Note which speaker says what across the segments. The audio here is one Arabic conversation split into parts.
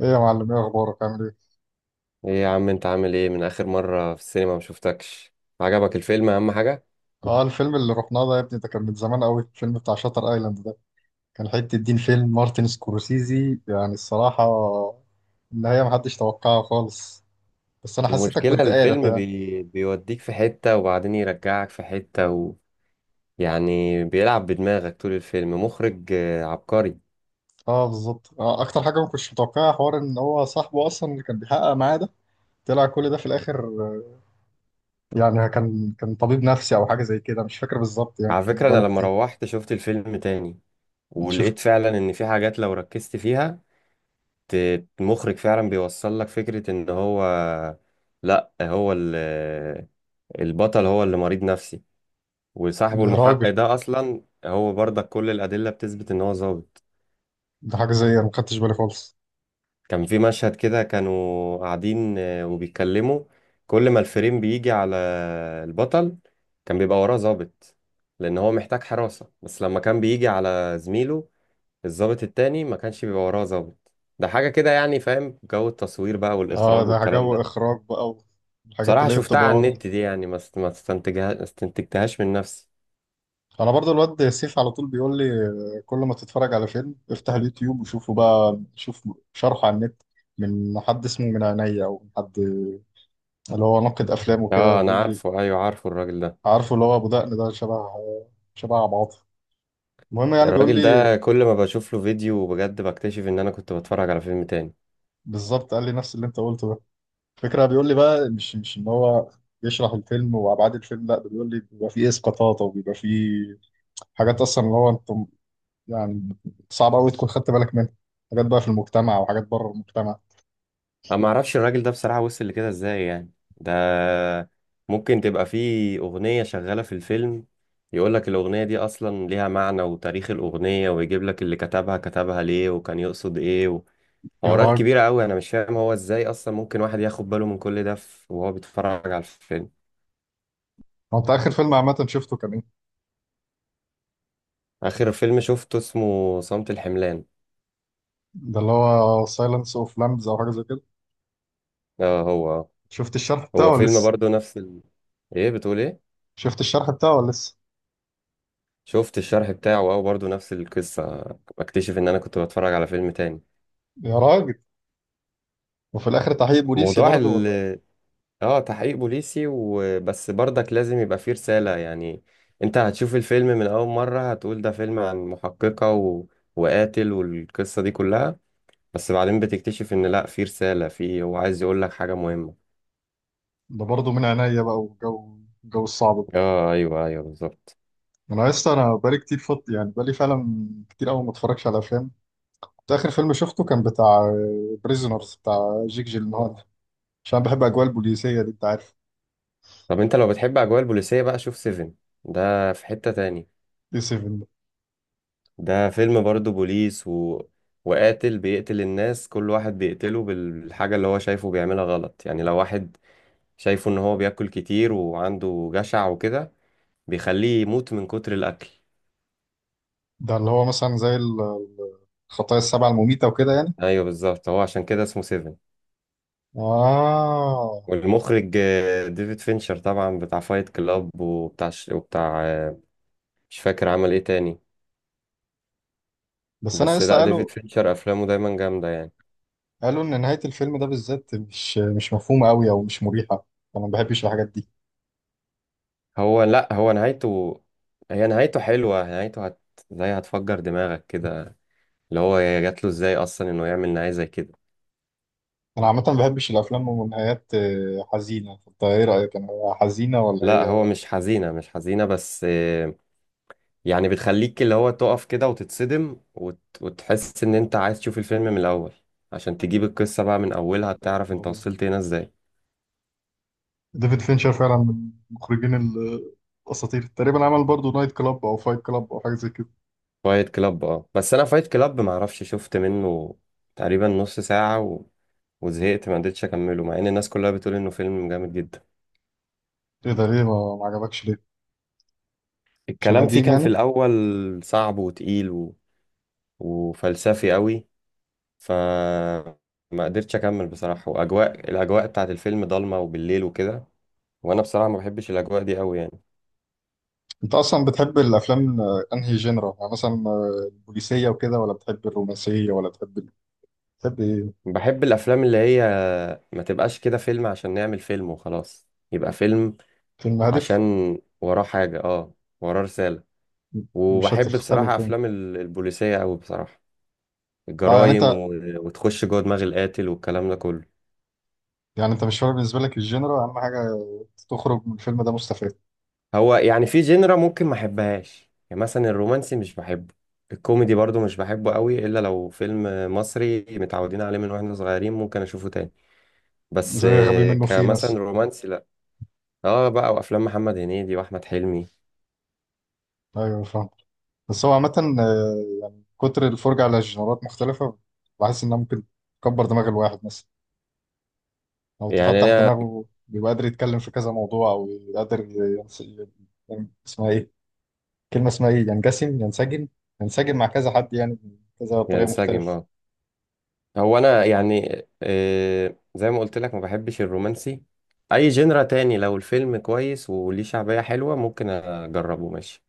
Speaker 1: ايه يا معلم، ايه اخبارك؟ عامل ايه؟
Speaker 2: ايه يا عم، انت عامل ايه من اخر مرة في السينما؟ ما شفتكش. عجبك الفيلم؟ اهم حاجة.
Speaker 1: اه الفيلم اللي رحناه ده يا ابني ده كان من زمان قوي. الفيلم بتاع شاتر ايلاند ده كان حته دين، فيلم مارتن سكورسيزي يعني. الصراحه النهايه محدش توقعها خالص، بس انا حسيتك
Speaker 2: المشكلة
Speaker 1: كنت قارف
Speaker 2: الفيلم
Speaker 1: يعني.
Speaker 2: بيوديك في حتة وبعدين يرجعك في حتة يعني بيلعب بدماغك طول الفيلم. مخرج عبقري.
Speaker 1: اه بالظبط، آه اكتر حاجه ما كنتش متوقعها حوار ان هو صاحبه اصلا اللي كان بيحقق معاه ده طلع كل ده في الاخر. يعني كان طبيب نفسي او حاجه زي كده، مش فاكر بالظبط يعني،
Speaker 2: على
Speaker 1: كان
Speaker 2: فكرة
Speaker 1: بقاله
Speaker 2: انا لما
Speaker 1: كتير.
Speaker 2: روحت شفت الفيلم تاني
Speaker 1: شفت؟
Speaker 2: ولقيت فعلا ان في حاجات لو ركزت فيها. المخرج فعلا بيوصل لك فكرة ان هو لا هو ال... البطل هو اللي مريض نفسي، وصاحبه
Speaker 1: ده
Speaker 2: المحقق
Speaker 1: راجل،
Speaker 2: ده اصلا هو برضك كل الادله بتثبت ان هو ظابط.
Speaker 1: ده حاجه زي ما خدتش بالي خالص.
Speaker 2: كان في مشهد كده كانوا قاعدين وبيتكلموا، كل ما الفريم بيجي على البطل كان بيبقى وراه ظابط لان هو محتاج حراسه، بس لما كان بيجي على زميله الظابط التاني ما كانش بيبقى وراه ظابط. ده حاجه كده يعني، فاهم جو التصوير بقى
Speaker 1: اه
Speaker 2: والاخراج
Speaker 1: ده
Speaker 2: والكلام
Speaker 1: جو
Speaker 2: ده.
Speaker 1: اخراج بقى، والحاجات
Speaker 2: بصراحه
Speaker 1: اللي هي
Speaker 2: شفتها
Speaker 1: بتبقى
Speaker 2: على
Speaker 1: ورا.
Speaker 2: النت دي يعني، ما است- ما استنتجها استنتجتهاش من نفسي.
Speaker 1: انا برضو الواد سيف على طول بيقول لي كل ما تتفرج على فيلم افتح اليوتيوب وشوفه بقى، شوف شرحه على النت من حد اسمه من عينيا، او حد اللي هو ناقد افلام وكده
Speaker 2: اه انا
Speaker 1: بيقول لي.
Speaker 2: عارفه، ايوه عارفه الراجل ده.
Speaker 1: عارفه اللي هو ابو دقن ده، شبه شبه عبد العاطي. المهم يعني بيقول
Speaker 2: الراجل
Speaker 1: لي
Speaker 2: ده كل ما بشوف له فيديو بجد بكتشف ان انا كنت بتفرج على فيلم تاني.
Speaker 1: بالظبط قال لي نفس اللي انت قلته ده. الفكره بيقول لي بقى مش ان هو يشرح الفيلم وابعاد الفيلم، لا ده بيقول لي بيبقى فيه اسقاطات او بيبقى فيه حاجات اصلا اللي هو انت يعني صعب قوي تكون خدت بالك منها، حاجات بقى في المجتمع وحاجات بره المجتمع.
Speaker 2: انا ما اعرفش الراجل ده بصراحة، وصل لكده ازاي يعني؟ ده ممكن تبقى فيه اغنية شغالة في الفيلم، يقول لك الاغنية دي اصلا ليها معنى وتاريخ الاغنية، ويجيب لك اللي كتبها كتبها ليه وكان يقصد ايه.
Speaker 1: يا
Speaker 2: وحوارات
Speaker 1: راجل،
Speaker 2: كبيرة قوي، انا مش فاهم هو ازاي اصلا ممكن واحد ياخد باله من كل ده وهو بيتفرج على الفيلم.
Speaker 1: هو انت اخر فيلم عامه شفته كان ايه؟
Speaker 2: اخر فيلم شفته اسمه صمت الحملان.
Speaker 1: ده اللي هو سايلنس اوف لامبز او حاجه زي كده؟
Speaker 2: اه هو.
Speaker 1: شفت الشرح بتاعه
Speaker 2: هو
Speaker 1: ولا
Speaker 2: فيلم
Speaker 1: لسه؟
Speaker 2: برضه نفس ايه بتقول ايه؟
Speaker 1: شفت الشرح بتاعه ولا لسه؟
Speaker 2: شفت الشرح بتاعه، اه برضه نفس القصة. بكتشف ان انا كنت بتفرج على فيلم تاني.
Speaker 1: يا راجل، وفي الاخر تحقيق بوليسي
Speaker 2: موضوع
Speaker 1: برضه
Speaker 2: ال
Speaker 1: ولا؟
Speaker 2: اه تحقيق بوليسي وبس، برضك لازم يبقى فيه رسالة يعني. انت هتشوف الفيلم من اول مرة هتقول ده فيلم عن محققة وقاتل والقصة دي كلها. بس بعدين بتكتشف ان لا، فيه رسالة، فيه هو عايز يقول لك حاجة مهمة.
Speaker 1: ده برضه من عينيا بقى، والجو الجو الصعب ده.
Speaker 2: اه ايوه ايوه بالظبط.
Speaker 1: انا لسه انا بقالي كتير فط يعني، بقالي فعلا كتير قوي ما اتفرجش على افلام. كنت اخر فيلم شفته كان بتاع بريزونرز بتاع جيك جيلنهال، عشان بحب اجواء البوليسيه دي انت عارف.
Speaker 2: طب انت لو بتحب اجواء البوليسية بقى شوف سيفن. ده في حتة تاني.
Speaker 1: دي 7 ده؟
Speaker 2: ده فيلم برضه بوليس وقاتل بيقتل الناس، كل واحد بيقتله بالحاجة اللي هو شايفه بيعملها غلط يعني. لو واحد شايفه ان هو بياكل كتير وعنده جشع وكده بيخليه يموت من كتر الأكل.
Speaker 1: ده اللي هو مثلا زي الخطايا السبعة المميته وكده يعني.
Speaker 2: ايوه بالظبط، هو عشان كده اسمه سيفن.
Speaker 1: آه.
Speaker 2: والمخرج ديفيد فينشر طبعا، بتاع فايت كلاب وبتاع وبتاع مش فاكر عمل ايه تاني.
Speaker 1: بس انا
Speaker 2: بس
Speaker 1: لسه
Speaker 2: لا،
Speaker 1: قالوا،
Speaker 2: ديفيد فينشر افلامه دايما جامدة يعني.
Speaker 1: قالوا ان نهايه الفيلم ده بالذات مش مفهومه قوي او مش مريحه، انا ما بحبش الحاجات دي.
Speaker 2: هو لا، هو نهايته، هي نهايته حلوة. نهايته زي هتفجر دماغك كده، اللي هو جات له ازاي اصلا انه يعمل نهاية زي كده.
Speaker 1: انا عامه ما بحبش الافلام ونهايات حزينه، فانت ايه رايك؟ انا حزينه ولا
Speaker 2: لا هو
Speaker 1: هي؟
Speaker 2: مش حزينة بس يعني بتخليك اللي هو تقف كده وتتصدم وتحس ان انت عايز تشوف الفيلم من الاول، عشان تجيب القصة بقى من اولها، تعرف انت وصلت هنا ازاي.
Speaker 1: ديفيد فينشر فعلا من المخرجين الاساطير تقريبا. عمل برضو نايت كلاب او فايت كلاب او حاجه زي كده.
Speaker 2: فايت كلاب، اه بس انا فايت كلاب معرفش شفت منه تقريبا نص ساعة وزهقت، ما قدرتش اكمله مع ان الناس كلها بتقول انه فيلم جامد جدا.
Speaker 1: ايه ده، ليه ما عجبكش ليه؟ عشان
Speaker 2: الكلام فيه
Speaker 1: قديم
Speaker 2: كان في
Speaker 1: يعني؟
Speaker 2: الاول صعب وتقيل وفلسفي قوي. فما قدرتش اكمل بصراحه. الاجواء بتاعت الفيلم ضلمه وبالليل وكده، وانا بصراحه ما بحبش الاجواء دي قوي يعني.
Speaker 1: انت اصلا بتحب الافلام انهي جنرا يعني؟ مثلا البوليسيه وكده، ولا بتحب الرومانسيه، ولا بتحب بتحب ايه؟
Speaker 2: بحب الافلام اللي هي ما تبقاش كده فيلم عشان نعمل فيلم وخلاص يبقى فيلم.
Speaker 1: فيلم هادف.
Speaker 2: عشان وراه حاجه، اه، وراه رساله.
Speaker 1: مش
Speaker 2: وبحب
Speaker 1: هتخسر
Speaker 2: بصراحه
Speaker 1: الفيلم،
Speaker 2: افلام البوليسيه قوي بصراحه.
Speaker 1: طبعا يعني
Speaker 2: الجرايم
Speaker 1: انت.
Speaker 2: وتخش جوه دماغ القاتل والكلام ده كله.
Speaker 1: يعني انت مش فارق بالنسبه لك الجنرا، اهم حاجه تخرج من الفيلم ده مستفاد.
Speaker 2: هو يعني في جينرا ممكن ما احبهاش، يعني مثلا الرومانسي مش بحبه. الكوميدي برضو مش بحبه قوي، الا لو فيلم مصري متعودين عليه من واحنا صغيرين ممكن اشوفه تاني. بس
Speaker 1: زي غبي منه فيه مثلا.
Speaker 2: كمثلا رومانسي لا. اه بقى، وافلام محمد هنيدي واحمد حلمي.
Speaker 1: ايوه فاهم. بس هو عامه يعني كتر الفرجه على جنرات مختلفه بحس انها ممكن تكبر دماغ الواحد مثلا، او
Speaker 2: يعني
Speaker 1: تفتح
Speaker 2: انا
Speaker 1: دماغه، بيبقى قادر يتكلم في كذا موضوع، او قادر اسمها ايه، كلمه اسمها ايه، ينسجم، ينسجم مع كذا حد يعني، بكذا طريقه
Speaker 2: ينسجم،
Speaker 1: مختلفه.
Speaker 2: اه. هو انا يعني زي ما قلت لك ما بحبش الرومانسي. اي جينرا تاني لو الفيلم كويس وليه شعبية حلوة ممكن اجربه ماشي.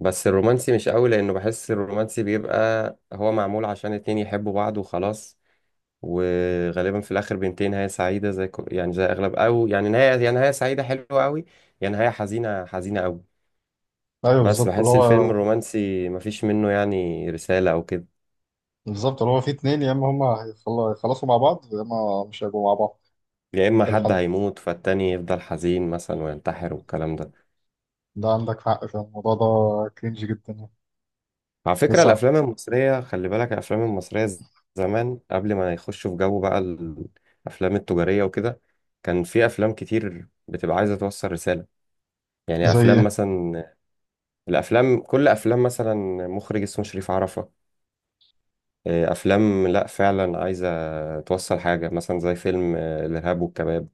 Speaker 2: بس الرومانسي مش قوي، لانه بحس الرومانسي بيبقى هو معمول عشان اتنين يحبوا بعض وخلاص. وغالبا في الاخر بينتهي نهايه سعيده، زي يعني زي اغلب، او يعني نهايه، يا نهايه سعيده حلوه قوي، يا نهايه حزينه حزينه قوي.
Speaker 1: ايوه
Speaker 2: بس
Speaker 1: بالظبط اللي
Speaker 2: بحس الفيلم
Speaker 1: هو،
Speaker 2: الرومانسي مفيش منه يعني رساله او كده.
Speaker 1: بالظبط اللي هو في اتنين يا اما هيخلصوا مع بعض، يا اما مش هيبقوا مع بعض.
Speaker 2: يا اما
Speaker 1: في
Speaker 2: حد
Speaker 1: الحلقة،
Speaker 2: هيموت فالتاني يفضل حزين مثلا وينتحر والكلام ده.
Speaker 1: ده عندك حق في الموضوع ده، كرينج جدا يعني.
Speaker 2: على فكرة
Speaker 1: بس
Speaker 2: الأفلام المصرية، خلي بالك، الأفلام المصرية زمان قبل ما يخشوا في جو بقى الأفلام التجارية وكده، كان في أفلام كتير بتبقى عايزة توصل رسالة. يعني
Speaker 1: زي
Speaker 2: أفلام
Speaker 1: ايه؟
Speaker 2: مثلا، كل أفلام مثلا مخرج اسمه شريف عرفة. أفلام لأ فعلا عايزة توصل حاجة، مثلا زي فيلم الإرهاب والكباب،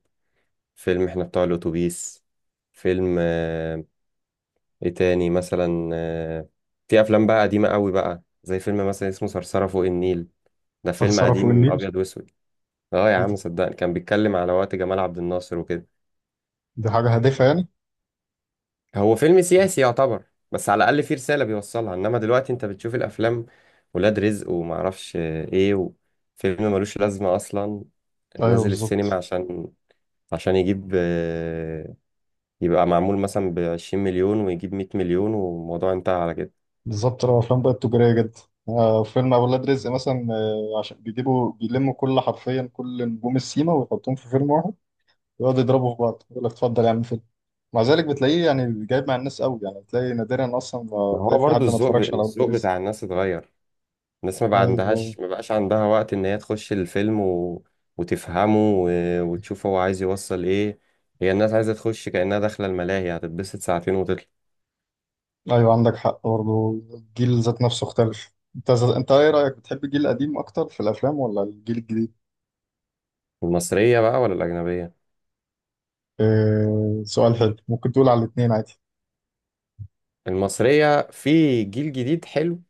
Speaker 2: فيلم إحنا بتوع الأتوبيس، فيلم إيه تاني مثلا في أفلام بقى قديمة قوي بقى، زي فيلم مثلا اسمه صرصرة فوق النيل. ده فيلم
Speaker 1: ثرثرة فوق
Speaker 2: قديم
Speaker 1: النيل؟
Speaker 2: ابيض واسود. اه يا
Speaker 1: إيه
Speaker 2: عم
Speaker 1: دي،
Speaker 2: صدقني، كان بيتكلم على وقت جمال عبد الناصر وكده.
Speaker 1: دي حاجة هادفة يعني.
Speaker 2: هو فيلم سياسي يعتبر، بس على الاقل فيه رساله بيوصلها. انما دلوقتي انت بتشوف الافلام، ولاد رزق وما اعرفش ايه، وفيلم ملوش لازمه اصلا
Speaker 1: ايوه
Speaker 2: نازل السينما
Speaker 1: بالظبط.
Speaker 2: عشان يجيب يبقى معمول مثلا ب 20 مليون ويجيب 100 مليون والموضوع انتهى على كده.
Speaker 1: بالظبط، لو افلام بقت تجارية جدا. آه فيلم اولاد رزق مثلا، آه عشان بيجيبوا بيلموا كل، حرفيا كل نجوم السيما ويحطوهم في فيلم واحد، ويقعدوا يضربوا في بعض، يقول لك اتفضل يا عم فيلم. مع ذلك بتلاقيه يعني جايب مع الناس قوي يعني، بتلاقي نادرا اصلا ما
Speaker 2: ما هو
Speaker 1: بتلاقي في
Speaker 2: برضو
Speaker 1: حد ما
Speaker 2: الذوق
Speaker 1: اتفرجش على اولاد
Speaker 2: الذوق
Speaker 1: رزق.
Speaker 2: بتاع الناس اتغير. الناس
Speaker 1: ايوه،
Speaker 2: ما بقاش عندها وقت ان هي تخش الفيلم وتفهمه وتشوف هو عايز يوصل ايه. هي الناس عايزة تخش كأنها داخلة الملاهي، هتتبسط ساعتين وتطلع.
Speaker 1: ايوه عندك حق برضه، الجيل ذات نفسه اختلف. انت ايه رايك، بتحب الجيل القديم اكتر في الافلام ولا الجيل الجديد؟
Speaker 2: المصرية بقى ولا الأجنبية؟
Speaker 1: اه سؤال حلو، ممكن تقول على الاثنين عادي.
Speaker 2: المصرية في جيل جديد حلو،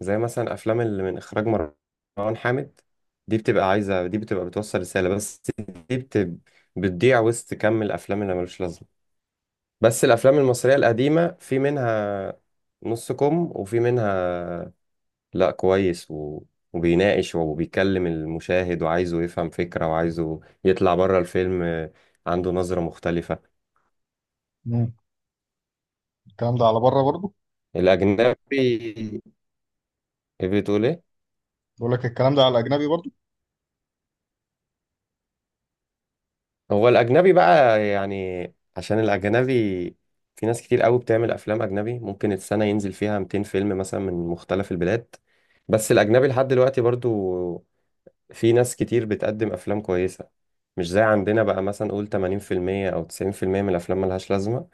Speaker 2: زي مثلا أفلام اللي من إخراج مروان حامد. دي بتبقى بتوصل رسالة بس. دي بتضيع وسط كم الأفلام اللي ملوش لازمة. بس الأفلام المصرية القديمة في منها نص كم، وفي منها لا كويس وبيناقش وبيكلم المشاهد وعايزه يفهم فكرة وعايزه يطلع بره الفيلم عنده نظرة مختلفة.
Speaker 1: مم. الكلام ده على بره برضه.
Speaker 2: الأجنبي، إيه بتقول إيه؟
Speaker 1: بقول لك الكلام ده على الاجنبي برضه.
Speaker 2: هو الأجنبي بقى يعني، عشان الأجنبي في ناس كتير قوي بتعمل أفلام أجنبي. ممكن السنة ينزل فيها 200 فيلم مثلا من مختلف البلاد، بس الأجنبي لحد دلوقتي برضو في ناس كتير بتقدم أفلام كويسة. مش زي عندنا بقى، مثلا قول 80% أو 90% من الأفلام ملهاش لازمة،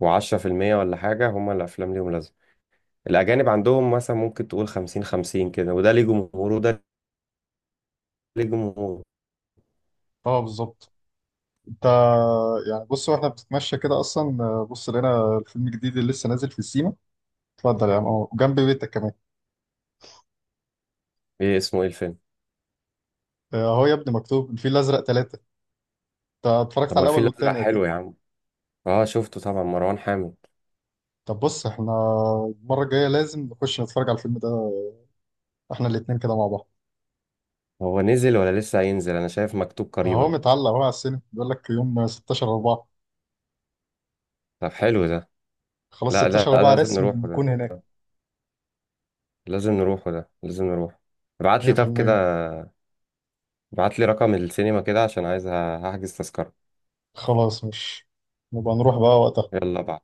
Speaker 2: وعشرة في المية ولا حاجة هما الأفلام ليهم لازمة. الأجانب عندهم مثلا ممكن تقول خمسين خمسين كده، وده ليه جمهوره وده ليه جمهوره.
Speaker 1: اه بالظبط. انت يعني بص، واحنا بنتمشى كده اصلا بص لقينا الفيلم الجديد اللي لسه نازل في السيما. اتفضل يا عم اهو، جنب بيتك كمان.
Speaker 2: إيه اسمه إيه الفيلم؟
Speaker 1: اهو يا ابني مكتوب الفيل الازرق ثلاثة. انت اتفرجت
Speaker 2: طب
Speaker 1: على
Speaker 2: ما
Speaker 1: الاول
Speaker 2: الفيل الأزرق
Speaker 1: والثاني اكيد.
Speaker 2: حلو يا عم. أه شفته طبعا، مروان حامد.
Speaker 1: طب بص، احنا المره الجايه لازم نخش نتفرج على الفيلم ده، احنا الاثنين كده مع بعض.
Speaker 2: هو نزل ولا لسه هينزل؟ أنا شايف مكتوب
Speaker 1: اهو
Speaker 2: قريبا.
Speaker 1: متعلق اهو على السينما، بيقول لك يوم 16 4.
Speaker 2: طب حلو ده.
Speaker 1: خلاص،
Speaker 2: لا لا،
Speaker 1: 16 4
Speaker 2: لازم
Speaker 1: رسمي
Speaker 2: نروحه
Speaker 1: نكون
Speaker 2: ده،
Speaker 1: هناك.
Speaker 2: لازم نروحه ده، لازم نروح. ابعت لي طب كده،
Speaker 1: 100%.
Speaker 2: ابعت لي رقم السينما كده عشان عايز هحجز تذكرة.
Speaker 1: خلاص، مش نبقى نروح بقى وقتها.
Speaker 2: يلا بعد.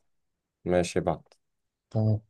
Speaker 2: ماشي بعد.
Speaker 1: تمام.